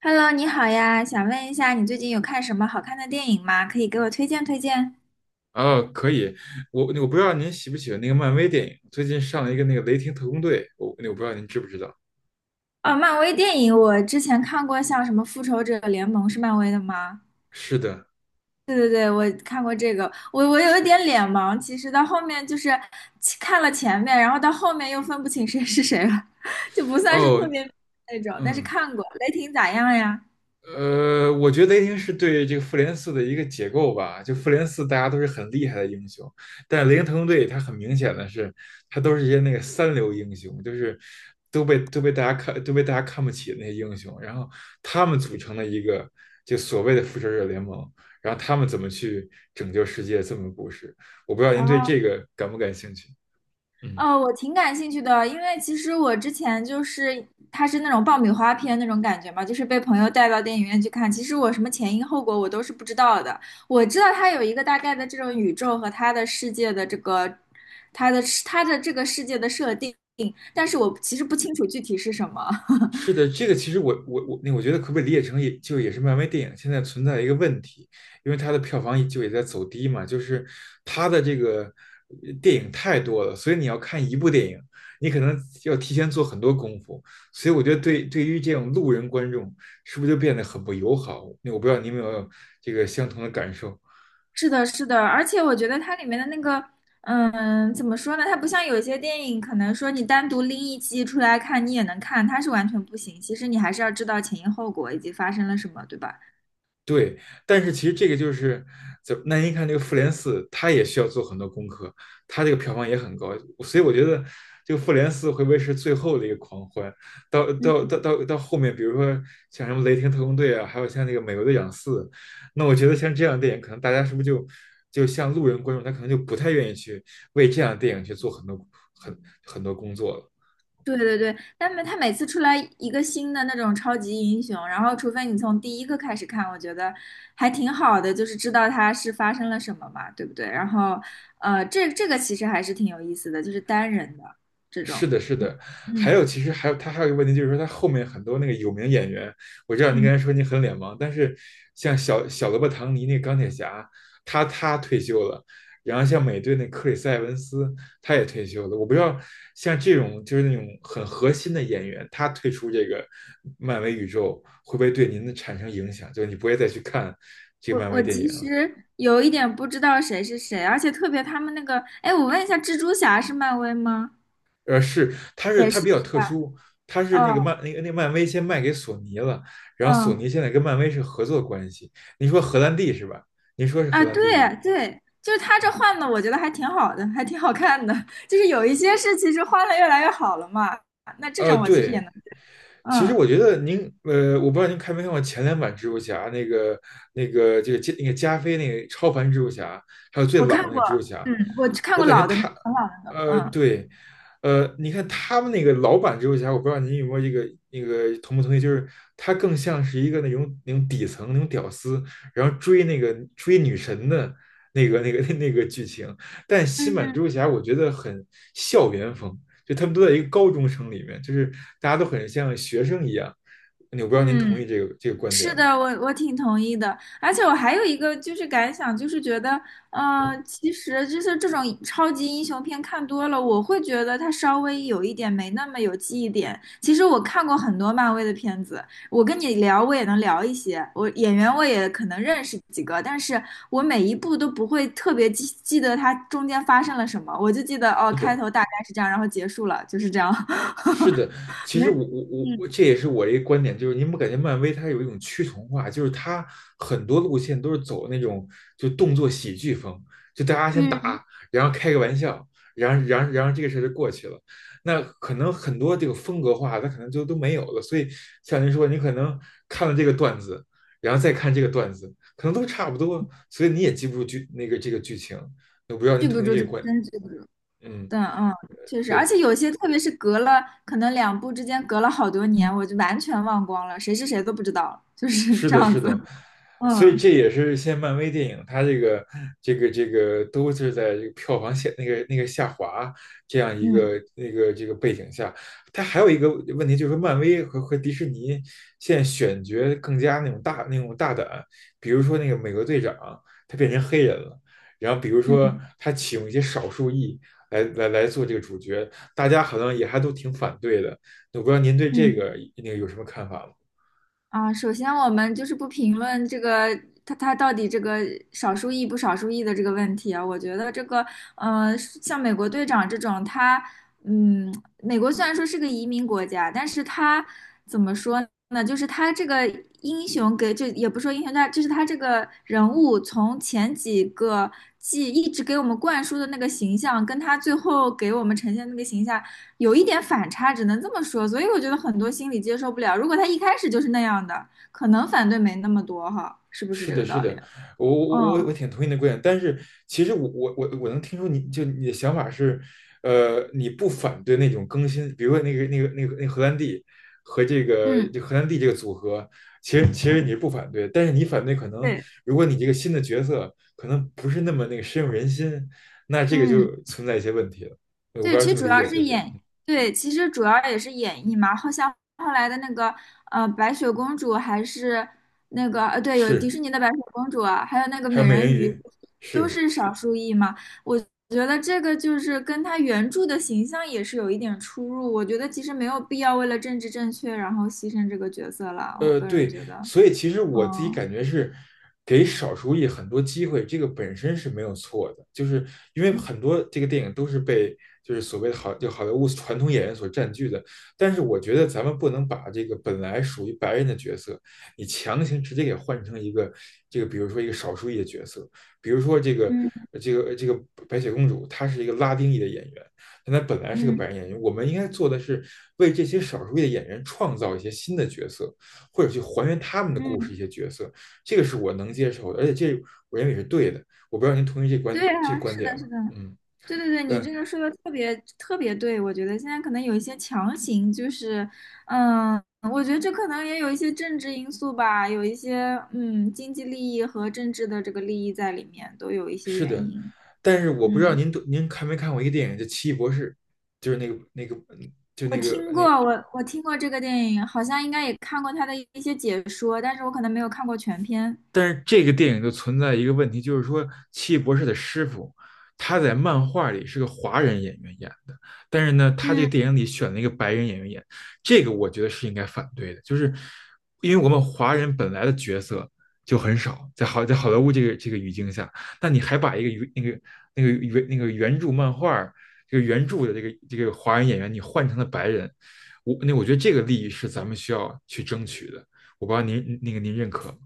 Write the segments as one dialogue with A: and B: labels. A: Hello，你好呀，想问一下，你最近有看什么好看的电影吗？可以给我推荐推荐。
B: 哦，可以，我不知道您喜不喜欢那个漫威电影，最近上了一个那个《雷霆特工队》，我不知道您知不知道？
A: 哦，漫威电影我之前看过，像什么《复仇者联盟》是漫威的吗？
B: 是的，
A: 对对对，我看过这个。我有一点脸盲，其实到后面就是看了前面，然后到后面又分不清谁是谁了，就不算是特
B: 哦，
A: 别那种，但是
B: 嗯，
A: 看过。雷霆咋样呀？
B: 我觉得雷霆是对这个复联四的一个解构吧。就复联四，大家都是很厉害的英雄，但是雷霆特工队它很明显的是，他都是一些那个三流英雄，就是都被大家看不起的那些英雄。然后他们组成了一个就所谓的复仇者联盟，然后他们怎么去拯救世界这么个故事。我不知道您
A: 哦，
B: 对这个感不感兴趣？嗯。
A: 我挺感兴趣的，因为其实我之前就是它是那种爆米花片那种感觉嘛，就是被朋友带到电影院去看。其实我什么前因后果我都是不知道的，我知道它有一个大概的这种宇宙和它的世界的这个它的这个世界的设定，但是我其实不清楚具体是什么。
B: 是的，这个其实我我我，那我觉得可不可以理解成也是漫威电影现在存在一个问题，因为它的票房就也在走低嘛，就是它的这个电影太多了，所以你要看一部电影，你可能要提前做很多功夫，所以我觉得对于这种路人观众，是不是就变得很不友好？那我不知道你有没有这个相同的感受。
A: 是的，是的，而且我觉得它里面的那个，嗯，怎么说呢？它不像有一些电影，可能说你单独拎一集出来看，你也能看，它是完全不行。其实你还是要知道前因后果以及发生了什么，对吧？
B: 对，但是其实这个就是那您看这个《复联四》，它也需要做很多功课，它这个票房也很高，所以我觉得这个《复联四》会不会是最后的一个狂欢？到到
A: 嗯，
B: 到到到后面，比如说像什么《雷霆特工队》啊，还有像那个《美国队长四》，那我觉得像这样的电影，可能大家是不是就像路人观众，他可能就不太愿意去为这样的电影去做很很多工作了。
A: 对对对，但每它每次出来一个新的那种超级英雄，然后除非你从第一个开始看，我觉得还挺好的，就是知道它是发生了什么嘛，对不对？然后，这个其实还是挺有意思的，就是单人的这
B: 是
A: 种，
B: 的，是的，还有
A: 嗯
B: 其实还有他还有一个问题，就是说他后面很多那个有名演员，我知道您刚
A: 嗯。
B: 才说您很脸盲，但是像小罗伯·唐尼那个钢铁侠，他退休了，然后像美队那克里斯·埃文斯他也退休了，我不知道像这种就是那种很核心的演员，他退出这个漫威宇宙会不会对您的产生影响？就是你不会再去看这个
A: 我
B: 漫威
A: 我
B: 电影
A: 其
B: 了。
A: 实有一点不知道谁是谁，而且特别他们那个，哎，我问一下，蜘蛛侠是漫威吗？
B: 是，它是
A: 也
B: 它
A: 是是
B: 比较特
A: 吧？
B: 殊，它是
A: 嗯
B: 那个漫那个那个漫威先卖给索尼了，然后索
A: 嗯
B: 尼现在跟漫威是合作关系。您说荷兰弟是吧？您说是荷
A: 啊，
B: 兰
A: 对
B: 弟吗？
A: 对，就是他
B: 嗯
A: 这换的，我觉得还挺好的，还挺好看的。就是有一些是其实换了越来越好了嘛，那这
B: 呃，
A: 种我其实也
B: 对，
A: 能，
B: 其实
A: 嗯，
B: 我觉得您，我不知道您看没看过前两版蜘蛛侠，这个加那个加菲那个超凡蜘蛛侠，还有最
A: 我看
B: 老那个
A: 过，
B: 蜘蛛侠，
A: 嗯，我看
B: 我
A: 过
B: 感觉
A: 老的那
B: 他，
A: 很老的那个，嗯
B: 对，你看他们那个老版蜘蛛侠，我不知道您有没有这个那个同不同意，就是他更像是一个那种底层那种屌丝，然后追那个追女神的那个 那个剧情，但新版蜘
A: 嗯，
B: 蛛侠我觉得很校园风，就他们都在一个高中生里面，就是大家都很像学生一样。我不知道您同
A: 嗯。
B: 意这个这个观
A: 是
B: 点吗？
A: 的，我挺同意的，而且我还有一个就是感想，就是觉得，其实就是这种超级英雄片看多了，我会觉得它稍微有一点没那么有记忆点。其实我看过很多漫威的片子，我跟你聊我也能聊一些，我演员我也可能认识几个，但是我每一部都不会特别记得它中间发生了什么，我就记得哦，
B: 是
A: 开
B: 的，
A: 头大概是这样，然后结束了，就是这样，
B: 是的，其
A: 没，
B: 实我我我
A: 嗯
B: 我这也是我一个观点，就是您不感觉漫威它有一种趋同化，就是它很多路线都是走那种就动作喜剧风，就大家先
A: 嗯，
B: 打，然后开个玩笑，然后这个事儿就过去了。那可能很多这个风格化，它可能就都没有了。所以像您说，你可能看了这个段子，然后再看这个段子，可能都差不多，所以你也记不住剧那个这个剧情。我不知道您
A: 记不
B: 同意
A: 住
B: 这
A: 这
B: 个观，
A: 真记不住。
B: 嗯，
A: 对，嗯，确实，而
B: 对。
A: 且有些，特别是隔了可能两部之间隔了好多年，我就完全忘光了，谁是谁都不知道了就是
B: 是
A: 这
B: 的，
A: 样
B: 是
A: 子。
B: 的，所以
A: 嗯
B: 这也是现在漫威电影它这个都是在这个票房下那个那个下滑这样一
A: 嗯
B: 个那个这个背景下，它还有一个问题就是说漫威和迪士尼现在选角更加那种大胆，比如说那个美国队长他变成黑人了，然后比如说
A: 嗯
B: 他启用一些少数裔来做这个主角，大家好像也还都挺反对的，我不知道您对这
A: 嗯。
B: 个那个有什么看法吗？
A: 啊，首先我们就是不评论这个他到底这个少数裔不少数裔的这个问题啊，我觉得这个像美国队长这种，他嗯，美国虽然说是个移民国家，但是他怎么说呢？就是他这个英雄给，就也不说英雄，他就是他这个人物从前几个季一直给我们灌输的那个形象，跟他最后给我们呈现的那个形象。有一点反差，只能这么说。所以我觉得很多心理接受不了。如果他一开始就是那样的，可能反对没那么多哈，是不是
B: 是
A: 这
B: 的，
A: 个
B: 是
A: 道理？
B: 的，我
A: 嗯
B: 挺同意你的观点，但是其实我能听出你的想法是，你不反对那种更新，比如说那个荷兰弟和这个
A: 嗯，
B: 这荷兰弟这个组合，其实你是不反对，但是你反对可能
A: 对，
B: 如果你这个新的角色可能不是那么那个深入人心，那这个
A: 嗯。
B: 就存在一些问题了，我不
A: 对，
B: 知道
A: 其实
B: 这么
A: 主
B: 理
A: 要
B: 解
A: 是
B: 对不对？
A: 演，对，其实主要也是演绎嘛。好像后来的那个白雪公主还是那个对，有迪
B: 是，
A: 士尼的白雪公主啊，还有那个
B: 还
A: 美
B: 有美
A: 人
B: 人
A: 鱼，
B: 鱼，
A: 都
B: 是。
A: 是少数裔嘛。我觉得这个就是跟她原著的形象也是有一点出入。我觉得其实没有必要为了政治正确然后牺牲这个角色了。我个人
B: 对，
A: 觉得，
B: 所以其实我自己
A: 嗯
B: 感觉是给少数裔很多机会，这个本身是没有错的，就是因为很多这个电影都是被就是所谓的好莱坞传统演员所占据的，但是我觉得咱们不能把这个本来属于白人的角色，你强行直接给换成一个这个，比如说一个少数裔的角色，比如说这个
A: 嗯
B: 这个这个白雪公主，她是一个拉丁裔的演员，但她本来是个
A: 嗯
B: 白人演员，我们应该做的是为这些少数裔的演员创造一些新的角色。或者去还原他们的
A: 嗯
B: 故事一
A: 嗯，
B: 些角色，这个是我能接受的，而且这我认为是对的。我不知道您同意这观
A: 对
B: 这
A: 啊，
B: 观
A: 是的，
B: 点
A: 是
B: 吗？
A: 的。
B: 嗯，
A: 对对对，你
B: 呃，
A: 这个说的特别特别对，我觉得现在可能有一些强行，就是，嗯，我觉得这可能也有一些政治因素吧，有一些嗯经济利益和政治的这个利益在里面，都有一些
B: 是
A: 原
B: 的，
A: 因。
B: 但是我不知道
A: 嗯，
B: 您看没看过一个电影叫《奇异博士》，就是那个那个嗯就
A: 我
B: 那个
A: 听过，
B: 那
A: 我听过这个电影，好像应该也看过他的一些解说，但是我可能没有看过全片。
B: 但是这个电影就存在一个问题，就是说奇异博士的师傅他在漫画里是个华人演员演的，但是呢，他这个
A: 嗯。
B: 电影里选了一个白人演员演，这个我觉得是应该反对的，就是因为我们华人本来的角色就很少，在好莱坞这个语境下，那你还把一个原那个那个原那个原著漫画这个原著的这个华人演员你换成了白人，那我觉得这个利益是咱们需要去争取的，我不知道您那个您认可吗？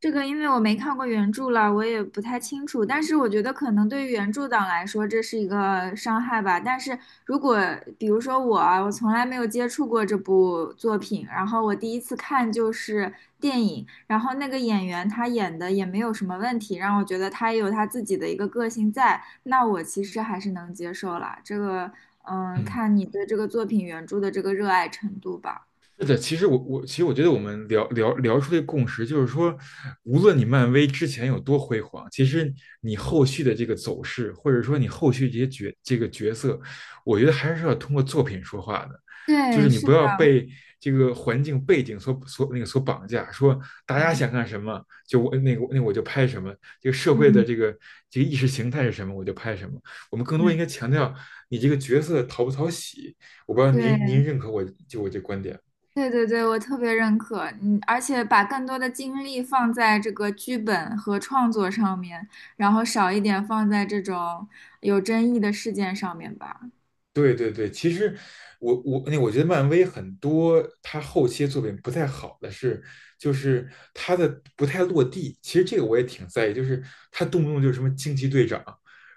A: 这个因为我没看过原著了，我也不太清楚。但是我觉得可能对于原著党来说，这是一个伤害吧。但是如果比如说我啊，我从来没有接触过这部作品，然后我第一次看就是电影，然后那个演员他演的也没有什么问题，让我觉得他也有他自己的一个个性在，那我其实还是能接受啦。这个，嗯，
B: 嗯。
A: 看你对这个作品原著的这个热爱程度吧。
B: 是的，其实我觉得我们聊出这个共识，就是说，无论你漫威之前有多辉煌，其实你后续的这个走势，或者说你后续这些这个角色，我觉得还是要通过作品说话的，就是
A: 对，
B: 你
A: 是
B: 不
A: 的，
B: 要被这个环境背景所所那个所绑架，说大家
A: 嗯
B: 想干什么就我那个那我就拍什么，这个社会的
A: 嗯。
B: 这个这个意识形态是什么我就拍什么，我们更多应
A: 嗯
B: 该强调你这个角色讨不讨喜，我不知道您
A: 对，
B: 认可我这观点。
A: 对对对，我特别认可，嗯，而且把更多的精力放在这个剧本和创作上面，然后少一点放在这种有争议的事件上面吧。
B: 对对对，其实那我觉得漫威很多他后期的作品不太好的是，就是他的不太落地。其实这个我也挺在意，就是他动不动就是什么惊奇队长，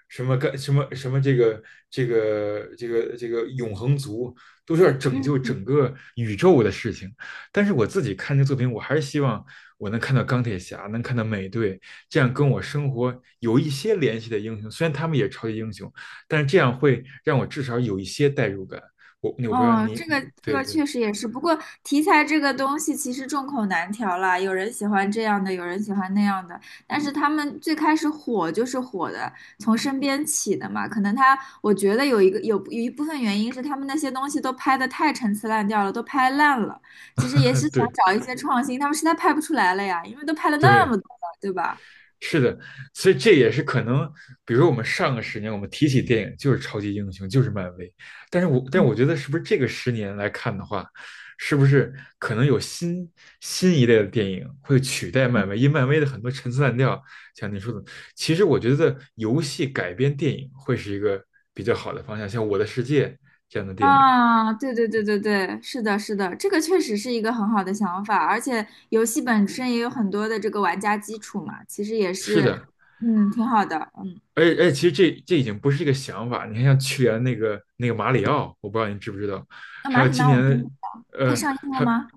B: 什么干什么什么这个永恒族，都是要拯救
A: 嗯。
B: 整个宇宙的事情。但是我自己看这个作品，我还是希望我能看到钢铁侠，能看到美队，这样跟我生活有一些联系的英雄，虽然他们也是超级英雄。但是这样会让我至少有一些代入感。我不知道
A: 哦，
B: 你，
A: 这个
B: 嗯
A: 这
B: 对
A: 个
B: 对
A: 确实也是，不过题材这个东西其实众口难调啦，有人喜欢这样的，有人喜欢那样的，但是他们最开始火就是火的，从身边起的嘛。可能他，我觉得有有一部分原因是他们那些东西都拍的太陈词滥调了，都拍烂了。其实也是 想
B: 对
A: 找一些创新，他们实在拍不出来了呀，因为都拍了那么
B: 对，
A: 多了，对吧？
B: 是的，所以这也是可能，比如说我们上个十年，我们提起电影就是超级英雄，就是漫威，但是我
A: 嗯
B: 觉得是不是这个十年来看的话，是不是可能有新一类的电影会取代
A: 嗯
B: 漫威？因为漫威的很多陈词滥调，像你说的，其实我觉得游戏改编电影会是一个比较好的方向，像《我的世界》这样的电影。
A: 啊，对对对对对，是的，是的，这个确实是一个很好的想法，而且游戏本身也有很多的这个玩家基础嘛，其实也
B: 是
A: 是，
B: 的，
A: 嗯，挺好的，嗯。
B: 而且，其实这已经不是一个想法。你看，像去年那个马里奥，我不知道你知不知道，
A: 那
B: 还
A: 马
B: 有
A: 里
B: 今
A: 妈我真不
B: 年，
A: 知道，它
B: 呃，
A: 上映了
B: 还，
A: 吗？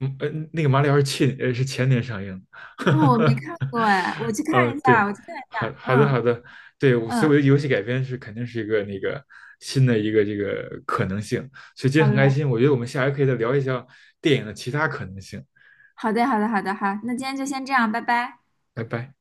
B: 那个马里奥是是前年上映
A: 啊、我没
B: 的，
A: 看过哎，我去 看一下，
B: 对，
A: 我去看一
B: 好
A: 下，
B: 好的
A: 嗯
B: 好的，对，我所以
A: 嗯，
B: 我觉得游戏改编肯定是一个那个新的一个这个可能性。所以今天
A: 好
B: 很开
A: 嘞，
B: 心，我觉得我们下回可以再聊一下电影的其他可能性。
A: 好的好的好的好，那今天就先这样，拜拜。
B: 拜拜。